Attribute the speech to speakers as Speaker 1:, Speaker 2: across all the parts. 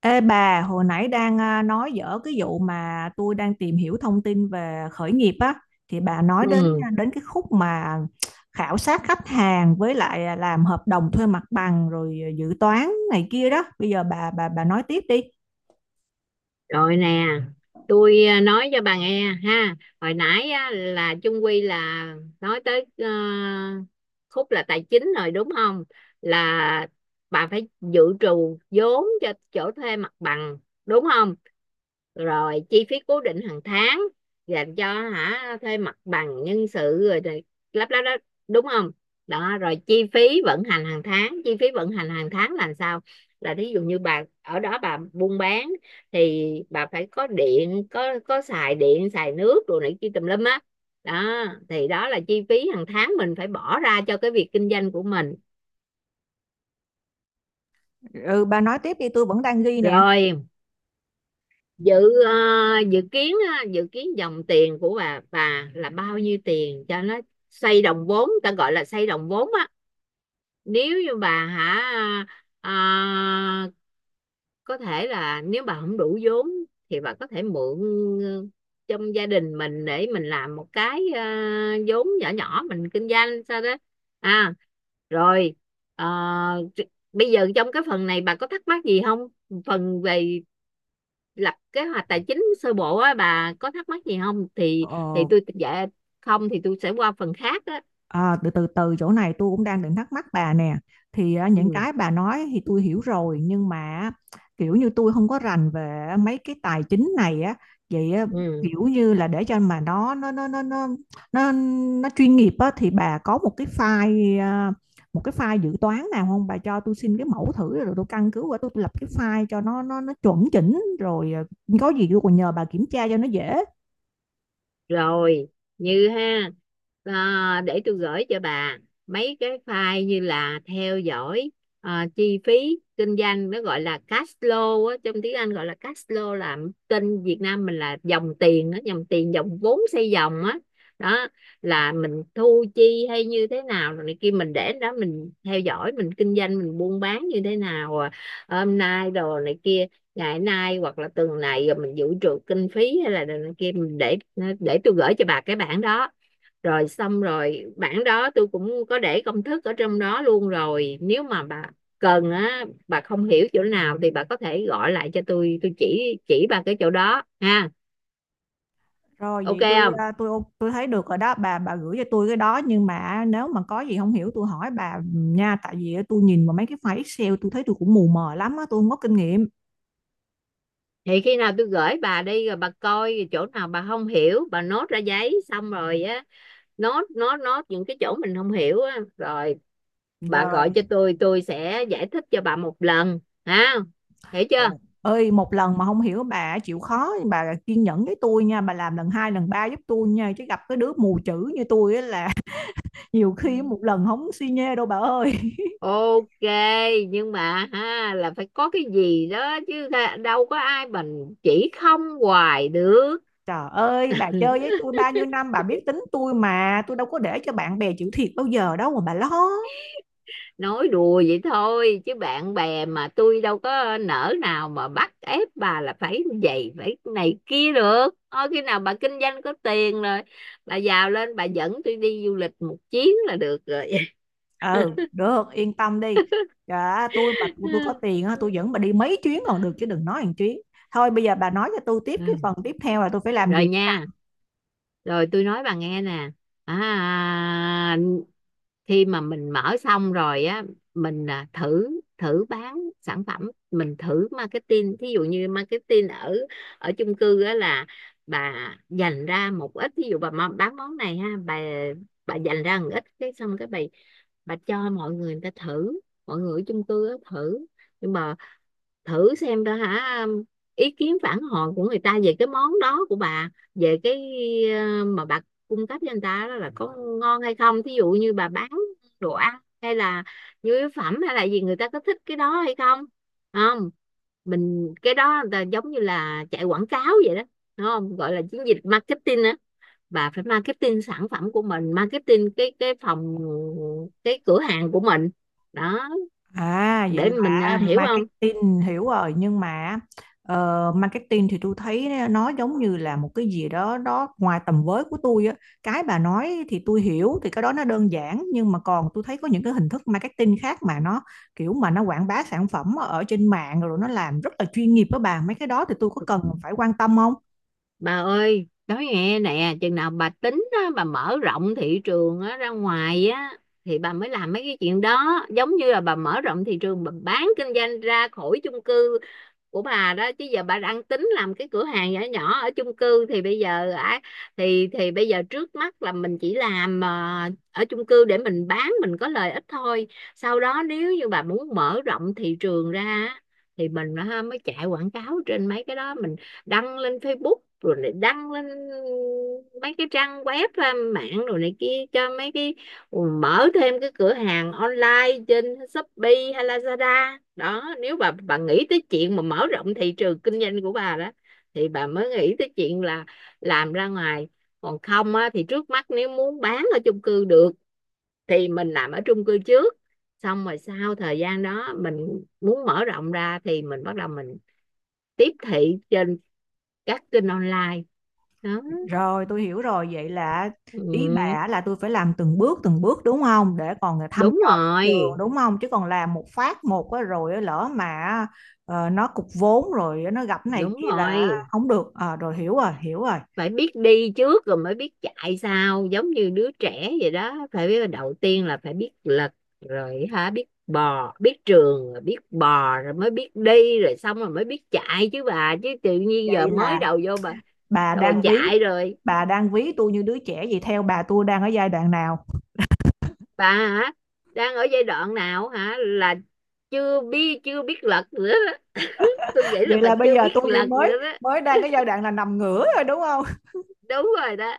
Speaker 1: Ê bà, hồi nãy đang nói dở cái vụ mà tôi đang tìm hiểu thông tin về khởi nghiệp á, thì bà nói đến
Speaker 2: Ừ,
Speaker 1: đến cái khúc mà khảo sát khách hàng với lại làm hợp đồng thuê mặt bằng rồi dự toán này kia đó. Bây giờ bà nói tiếp đi.
Speaker 2: rồi nè, tôi nói cho bà nghe ha. Hồi nãy á, là chung quy là nói tới khúc là tài chính rồi đúng không? Là bà phải dự trù vốn cho chỗ thuê mặt bằng đúng không? Rồi chi phí cố định hàng tháng dành cho thuê mặt bằng, nhân sự rồi này, lắp lắp đó, đúng không? Đó rồi chi phí vận hành hàng tháng, chi phí vận hành hàng tháng là sao? Là thí dụ như bà ở đó bà buôn bán thì bà phải có điện, có xài điện xài nước rồi này kia tùm lum á. Đó, đó thì đó là chi phí hàng tháng mình phải bỏ ra cho cái việc kinh doanh của mình.
Speaker 1: Ừ, bà nói tiếp đi, tôi vẫn đang ghi nè.
Speaker 2: Rồi dự ờ, ờ, dự kiến dòng tiền của bà là bao nhiêu tiền cho nó xoay đồng vốn, ta gọi là xoay đồng vốn á. Nếu như bà à, có thể là nếu bà không đủ vốn thì bà có thể mượn ờ, trong gia đình mình để mình làm một cái vốn nhỏ nhỏ mình kinh doanh sao đó. à rồi ờ, bây giờ trong cái phần này bà có thắc mắc gì không, phần về lập kế hoạch tài chính sơ bộ á, bà có thắc mắc gì không, thì
Speaker 1: Ờ.
Speaker 2: tôi dạ không thì tôi sẽ qua phần khác á.
Speaker 1: À, từ từ từ chỗ này tôi cũng đang định thắc mắc bà nè, thì những
Speaker 2: Ừ.
Speaker 1: cái bà nói thì tôi hiểu rồi nhưng mà kiểu như tôi không có rành về mấy cái tài chính này á. Vậy à,
Speaker 2: Ừ.
Speaker 1: kiểu như là để cho mà nó, nó chuyên nghiệp á thì bà có một cái file một cái file dự toán nào không, bà cho tôi xin cái mẫu thử rồi tôi căn cứ qua, tôi lập cái file cho nó chuẩn chỉnh rồi có gì tôi còn nhờ bà kiểm tra cho nó dễ.
Speaker 2: Rồi như ha, để tôi gửi cho bà mấy cái file như là theo dõi, chi phí kinh doanh, nó gọi là cash flow á, trong tiếng Anh gọi là cash flow, là tên Việt Nam mình là dòng tiền đó, dòng tiền dòng vốn xây dòng á đó. Là mình thu chi hay như thế nào rồi này kia mình để đó mình theo dõi mình kinh doanh mình buôn bán như thế nào, hôm nay đồ này kia, ngày nay hoặc là tuần này rồi mình dự trù kinh phí hay là này kia mình để tôi gửi cho bà cái bản đó. Rồi xong rồi bản đó tôi cũng có để công thức ở trong đó luôn, rồi nếu mà bà cần á, bà không hiểu chỗ nào thì bà có thể gọi lại cho tôi. Tôi chỉ bà cái chỗ đó ha.
Speaker 1: Rồi,
Speaker 2: Ok,
Speaker 1: vậy tôi
Speaker 2: không
Speaker 1: à, tôi ô- tôi thấy được rồi đó, bà gửi cho tôi cái đó, nhưng mà nếu mà có gì không hiểu tôi hỏi bà, ừ, nha, tại vì tôi nhìn vào mấy cái file Excel tôi thấy tôi cũng mù mờ lắm á, tôi không có kinh nghiệm.
Speaker 2: thì khi nào tôi gửi bà đi rồi bà coi chỗ nào bà không hiểu bà nốt ra giấy xong rồi á, nốt nốt nốt những cái chỗ mình không hiểu á, rồi bà
Speaker 1: Rồi.
Speaker 2: gọi cho tôi. Tôi sẽ giải thích cho bà một lần ha, hiểu chưa?
Speaker 1: Ồ. Ơi, một lần mà không hiểu bà chịu khó bà kiên nhẫn với tôi nha, bà làm lần hai lần ba giúp tôi nha, chứ gặp cái đứa mù chữ như tôi á là nhiều
Speaker 2: Ừ.
Speaker 1: khi một lần không suy nhê đâu bà ơi.
Speaker 2: Ok, nhưng mà ha, là phải có cái gì đó chứ, đâu có ai mình chỉ không hoài được.
Speaker 1: Trời ơi, bà chơi với tôi bao nhiêu năm bà biết tính tôi mà, tôi đâu có để cho bạn bè chịu thiệt bao giờ đâu mà bà lo.
Speaker 2: Nói đùa vậy thôi chứ bạn bè mà, tôi đâu có nỡ nào mà bắt ép bà là phải vậy phải này kia được, thôi khi nào bà kinh doanh có tiền rồi bà giàu lên bà dẫn tôi đi du lịch một chuyến là được rồi.
Speaker 1: Ừ, được, yên tâm đi. Dạ, tôi mà tôi có tiền á, tôi dẫn bà đi mấy chuyến còn được chứ đừng nói hàng chuyến. Thôi bây giờ bà nói cho tôi tiếp, cái phần tiếp theo là tôi phải làm
Speaker 2: Rồi
Speaker 1: gì.
Speaker 2: nha, rồi tôi nói bà nghe nè. à, khi mà mình mở xong rồi á, mình thử thử bán sản phẩm, mình thử marketing. Thí dụ như marketing ở ở chung cư á, là bà dành ra một ít. Thí dụ bà bán món này ha, bà dành ra một ít cái, xong cái bà cho mọi người người ta thử, mọi người ở chung cư á thử. Nhưng mà thử xem đó hả, ý kiến phản hồi của người ta về cái món đó của bà, về cái mà bà cung cấp cho người ta đó, là có ngon hay không. Thí dụ như bà bán đồ ăn hay là nhu yếu phẩm hay là gì, người ta có thích cái đó hay không không Mình, cái đó là giống như là chạy quảng cáo vậy đó đúng không, gọi là chiến dịch marketing á, bà phải marketing sản phẩm của mình, marketing cái cửa hàng của mình đó.
Speaker 1: À, vậy
Speaker 2: Để mình
Speaker 1: là
Speaker 2: hiểu không.
Speaker 1: marketing hiểu rồi, nhưng mà marketing thì tôi thấy nó giống như là một cái gì đó đó ngoài tầm với của tôi á. Cái bà nói thì tôi hiểu, thì cái đó nó đơn giản, nhưng mà còn tôi thấy có những cái hình thức marketing khác mà nó kiểu mà nó quảng bá sản phẩm ở trên mạng rồi nó làm rất là chuyên nghiệp đó bà. Mấy cái đó thì tôi có cần phải quan tâm không?
Speaker 2: Bà ơi, nói nghe nè, chừng nào bà tính á, bà mở rộng thị trường á, ra ngoài á thì bà mới làm mấy cái chuyện đó, giống như là bà mở rộng thị trường bà bán kinh doanh ra khỏi chung cư của bà đó. Chứ giờ bà đang tính làm cái cửa hàng nhỏ nhỏ ở chung cư thì bây giờ á, thì bây giờ trước mắt là mình chỉ làm ở chung cư để mình bán mình có lợi ích thôi. Sau đó nếu như bà muốn mở rộng thị trường ra á, thì mình ha, mới chạy quảng cáo trên mấy cái đó, mình đăng lên Facebook rồi lại đăng lên mấy cái trang web ra mạng rồi này kia, cho mấy cái mở thêm cái cửa hàng online trên Shopee hay Lazada đó. Nếu bà nghĩ tới chuyện mà mở rộng thị trường kinh doanh của bà đó, thì bà mới nghĩ tới chuyện là làm ra ngoài. Còn không á, thì trước mắt nếu muốn bán ở chung cư được thì mình làm ở chung cư trước, xong rồi sau thời gian đó mình muốn mở rộng ra thì mình bắt đầu mình tiếp thị trên các kênh online đó.
Speaker 1: Rồi, tôi hiểu rồi. Vậy là ý
Speaker 2: ừ,
Speaker 1: bà là tôi phải làm từng bước đúng không, để còn thăm
Speaker 2: Đúng
Speaker 1: dò thị trường
Speaker 2: rồi,
Speaker 1: đúng không, chứ còn làm một phát một á, rồi á, lỡ mà nó cục vốn rồi nó gặp cái này
Speaker 2: đúng
Speaker 1: kia là
Speaker 2: rồi,
Speaker 1: không được. Ờ, rồi hiểu rồi hiểu rồi.
Speaker 2: phải biết đi trước rồi mới biết chạy sau, giống như đứa trẻ vậy đó, phải biết đầu tiên là phải biết lật rồi biết bò biết trường rồi biết bò rồi mới biết đi rồi xong rồi mới biết chạy chứ bà, chứ tự nhiên giờ
Speaker 1: Vậy
Speaker 2: mới
Speaker 1: là
Speaker 2: đầu vô bà
Speaker 1: bà
Speaker 2: đòi
Speaker 1: đang ví
Speaker 2: chạy rồi.
Speaker 1: bà đang ví tôi như đứa trẻ vậy, theo bà tôi đang ở giai đoạn nào?
Speaker 2: Bà đang ở giai đoạn nào hả, là chưa biết lật nữa đó. Tôi nghĩ là
Speaker 1: Vậy
Speaker 2: bà
Speaker 1: là bây
Speaker 2: chưa
Speaker 1: giờ
Speaker 2: biết
Speaker 1: tôi chỉ
Speaker 2: lần
Speaker 1: mới
Speaker 2: nữa đó,
Speaker 1: mới đang cái giai đoạn là nằm ngửa rồi đúng không?
Speaker 2: đúng rồi đó.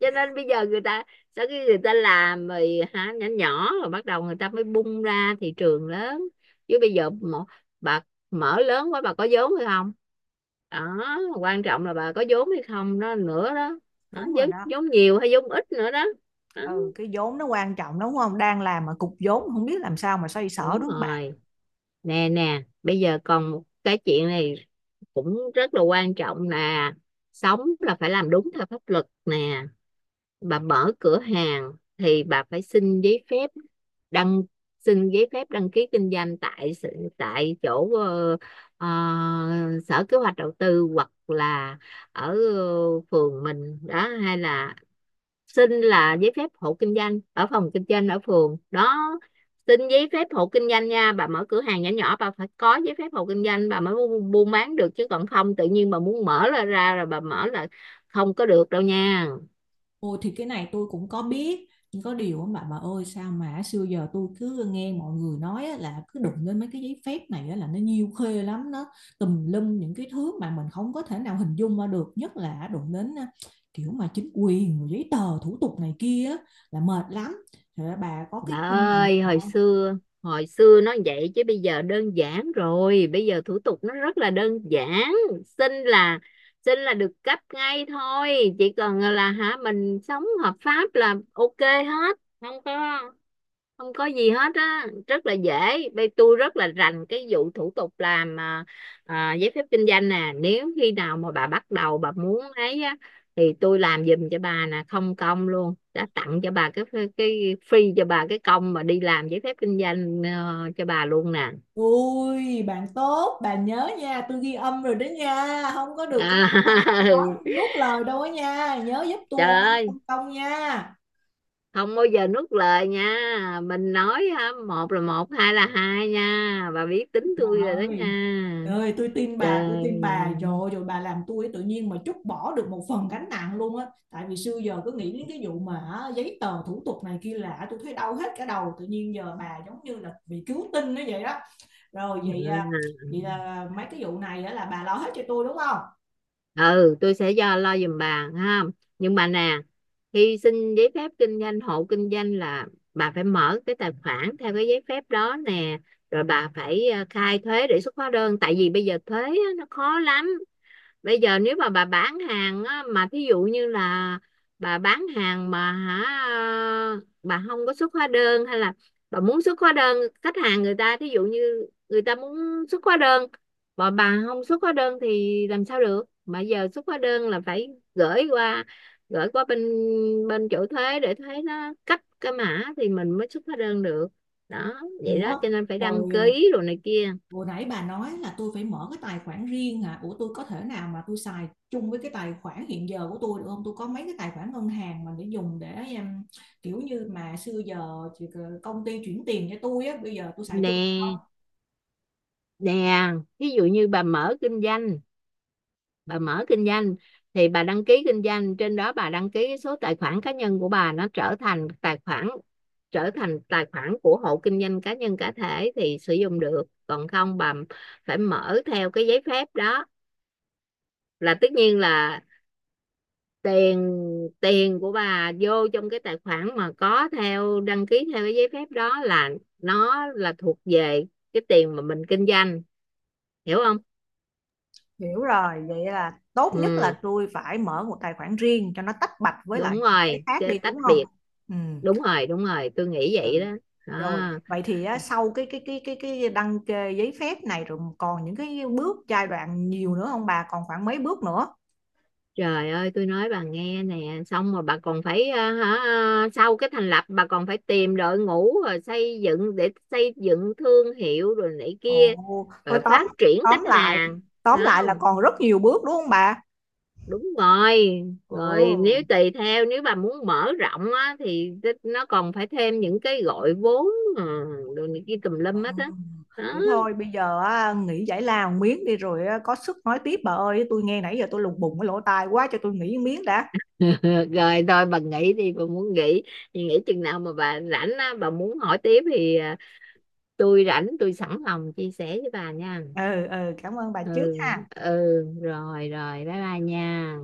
Speaker 2: Cho nên bây giờ người ta sau khi người ta làm rồi nhỏ nhỏ rồi bắt đầu người ta mới bung ra thị trường lớn, chứ bây giờ mà, bà mở lớn quá bà có vốn hay không, đó quan trọng là bà có vốn hay không đó nữa đó. Đó,
Speaker 1: Đúng rồi
Speaker 2: vốn,
Speaker 1: đó.
Speaker 2: vốn nhiều hay vốn ít nữa đó. Đó,
Speaker 1: Ừ, cái vốn nó quan trọng đúng không, đang làm mà cục vốn không biết làm sao mà xoay sở
Speaker 2: đúng
Speaker 1: đúng không bà?
Speaker 2: rồi. Nè nè, bây giờ còn một cái chuyện này cũng rất là quan trọng là sống là phải làm đúng theo pháp luật nè. Bà mở cửa hàng thì bà phải đăng xin giấy phép đăng ký kinh doanh tại tại chỗ ờ, sở kế hoạch đầu tư, hoặc là ở phường mình đó, hay là xin là giấy phép hộ kinh doanh ở phòng kinh doanh ở phường đó. Xin giấy phép hộ kinh doanh nha, bà mở cửa hàng nhỏ nhỏ bà phải có giấy phép hộ kinh doanh bà mới buôn bán được, chứ còn không tự nhiên bà muốn mở ra ra rồi bà mở là không có được đâu nha.
Speaker 1: Ôi thì cái này tôi cũng có biết, nhưng có điều á, bà ơi, sao mà xưa giờ tôi cứ nghe mọi người nói á, là cứ đụng lên mấy cái giấy phép này á, là nó nhiêu khê lắm, nó tùm lum những cái thứ mà mình không có thể nào hình dung ra được, nhất là đụng đến kiểu mà chính quyền rồi giấy tờ thủ tục này kia á, là mệt lắm. Thì bà có cái
Speaker 2: Bà
Speaker 1: kinh nghiệm
Speaker 2: ơi,
Speaker 1: không?
Speaker 2: hồi xưa nó vậy chứ bây giờ đơn giản rồi, bây giờ thủ tục nó rất là đơn giản, xin là xin là được cấp ngay thôi, chỉ cần là mình sống hợp pháp là ok hết, không có gì hết á, rất là dễ. Bên tôi rất là rành cái vụ thủ tục làm giấy phép kinh doanh nè, nếu khi nào mà bà bắt đầu bà muốn ấy á thì tôi làm giùm cho bà nè, không công luôn, đã tặng cho bà cái free cho bà cái công mà đi làm giấy phép kinh doanh cho bà luôn nè.
Speaker 1: Ôi bạn tốt, bà nhớ nha, tôi ghi âm rồi đó nha, không có được có
Speaker 2: à,
Speaker 1: nói nuốt lời đâu á nha, nhớ giúp
Speaker 2: Trời
Speaker 1: tôi ăn
Speaker 2: ơi,
Speaker 1: không công nha.
Speaker 2: không bao giờ nuốt lời nha, mình nói một là một hai là hai nha, bà biết
Speaker 1: Trời
Speaker 2: tính tôi rồi đó
Speaker 1: ơi,
Speaker 2: nha.
Speaker 1: trời ơi, tôi
Speaker 2: Trời.
Speaker 1: tin bà rồi, rồi bà làm tôi tự nhiên mà trút bỏ được một phần gánh nặng luôn á. Tại vì xưa giờ cứ nghĩ đến cái vụ mà á, giấy tờ thủ tục này kia lạ, tôi thấy đau hết cả đầu. Tự nhiên giờ bà giống như là bị cứu tinh nó vậy đó. Rồi, vậy à,
Speaker 2: Ừ.
Speaker 1: vậy là mấy cái vụ này á là bà lo hết cho tôi đúng không?
Speaker 2: Ừ, tôi sẽ lo giùm bà ha, nhưng bà nè, khi xin giấy phép kinh doanh hộ kinh doanh là bà phải mở cái tài khoản theo cái giấy phép đó nè, rồi bà phải khai thuế để xuất hóa đơn, tại vì bây giờ thuế á, nó khó lắm. Bây giờ nếu mà bà bán hàng á, mà thí dụ như là bà bán hàng mà bà không có xuất hóa đơn hay là bà muốn xuất hóa đơn, khách hàng người ta thí dụ như người ta muốn xuất hóa đơn mà bà không xuất hóa đơn thì làm sao được, mà giờ xuất hóa đơn là phải gửi qua gửi qua bên bên chỗ thuế để thuế nó cấp cái mã thì mình mới xuất hóa đơn được đó. Vậy đó
Speaker 1: Ủa,
Speaker 2: cho nên phải đăng
Speaker 1: hồi à,
Speaker 2: ký rồi này kia.
Speaker 1: Hồi nãy bà nói là tôi phải mở cái tài khoản riêng hả? Ủa, tôi có thể nào mà tôi xài chung với cái tài khoản hiện giờ của tôi được không? Tôi có mấy cái tài khoản ngân hàng mà để dùng để em, kiểu như mà xưa giờ thì công ty chuyển tiền cho tôi á, bây giờ tôi xài chung.
Speaker 2: Nè nè, ví dụ như bà mở kinh doanh thì bà đăng ký kinh doanh trên đó, bà đăng ký số tài khoản cá nhân của bà nó trở thành tài khoản của hộ kinh doanh cá nhân cá thể thì sử dụng được, còn không bà phải mở theo cái giấy phép đó, là tất nhiên là tiền tiền của bà vô trong cái tài khoản mà có theo đăng ký theo cái giấy phép đó, là nó là thuộc về cái tiền mà mình kinh doanh, hiểu không.
Speaker 1: Hiểu rồi, vậy là tốt nhất
Speaker 2: Ừ,
Speaker 1: là tôi phải mở một tài khoản riêng cho nó tách bạch với lại
Speaker 2: đúng
Speaker 1: những cái
Speaker 2: rồi,
Speaker 1: khác đi đúng
Speaker 2: tách
Speaker 1: không?
Speaker 2: biệt,
Speaker 1: Ừ.
Speaker 2: đúng rồi, đúng rồi, tôi nghĩ
Speaker 1: Ừ.
Speaker 2: vậy đó đó.
Speaker 1: Rồi, vậy thì á, sau cái đăng kê giấy phép này rồi còn những cái bước giai đoạn nhiều nữa không bà? Còn khoảng mấy bước nữa?
Speaker 2: Trời ơi tôi nói bà nghe nè, xong rồi bà còn phải sau cái thành lập bà còn phải tìm đội ngũ, rồi xây dựng thương hiệu rồi này kia,
Speaker 1: Ồ, thôi
Speaker 2: rồi
Speaker 1: tóm
Speaker 2: phát triển khách
Speaker 1: tóm lại
Speaker 2: hàng
Speaker 1: tóm
Speaker 2: đó
Speaker 1: lại là
Speaker 2: không,
Speaker 1: còn rất nhiều bước đúng không bà?
Speaker 2: đúng rồi. Rồi nếu
Speaker 1: Ừ.
Speaker 2: tùy theo nếu bà muốn mở rộng á thì nó còn phải thêm những cái gọi vốn, ờ, rồi này kia tùm lum
Speaker 1: Ừ.
Speaker 2: hết á đó.
Speaker 1: Vậy thôi bây giờ á, nghỉ giải lao miếng đi rồi á, có sức nói tiếp, bà ơi tôi nghe nãy giờ tôi lùng bùng cái lỗ tai quá, cho tôi nghỉ miếng đã.
Speaker 2: Rồi thôi bà nghỉ đi, bà muốn nghỉ thì nghỉ, chừng nào mà bà rảnh á bà muốn hỏi tiếp thì tôi rảnh tôi sẵn lòng chia sẻ với bà nha.
Speaker 1: Ừ, ừ, cảm ơn bà trước
Speaker 2: Ừ,
Speaker 1: ha.
Speaker 2: ừ, rồi rồi bye bye nha.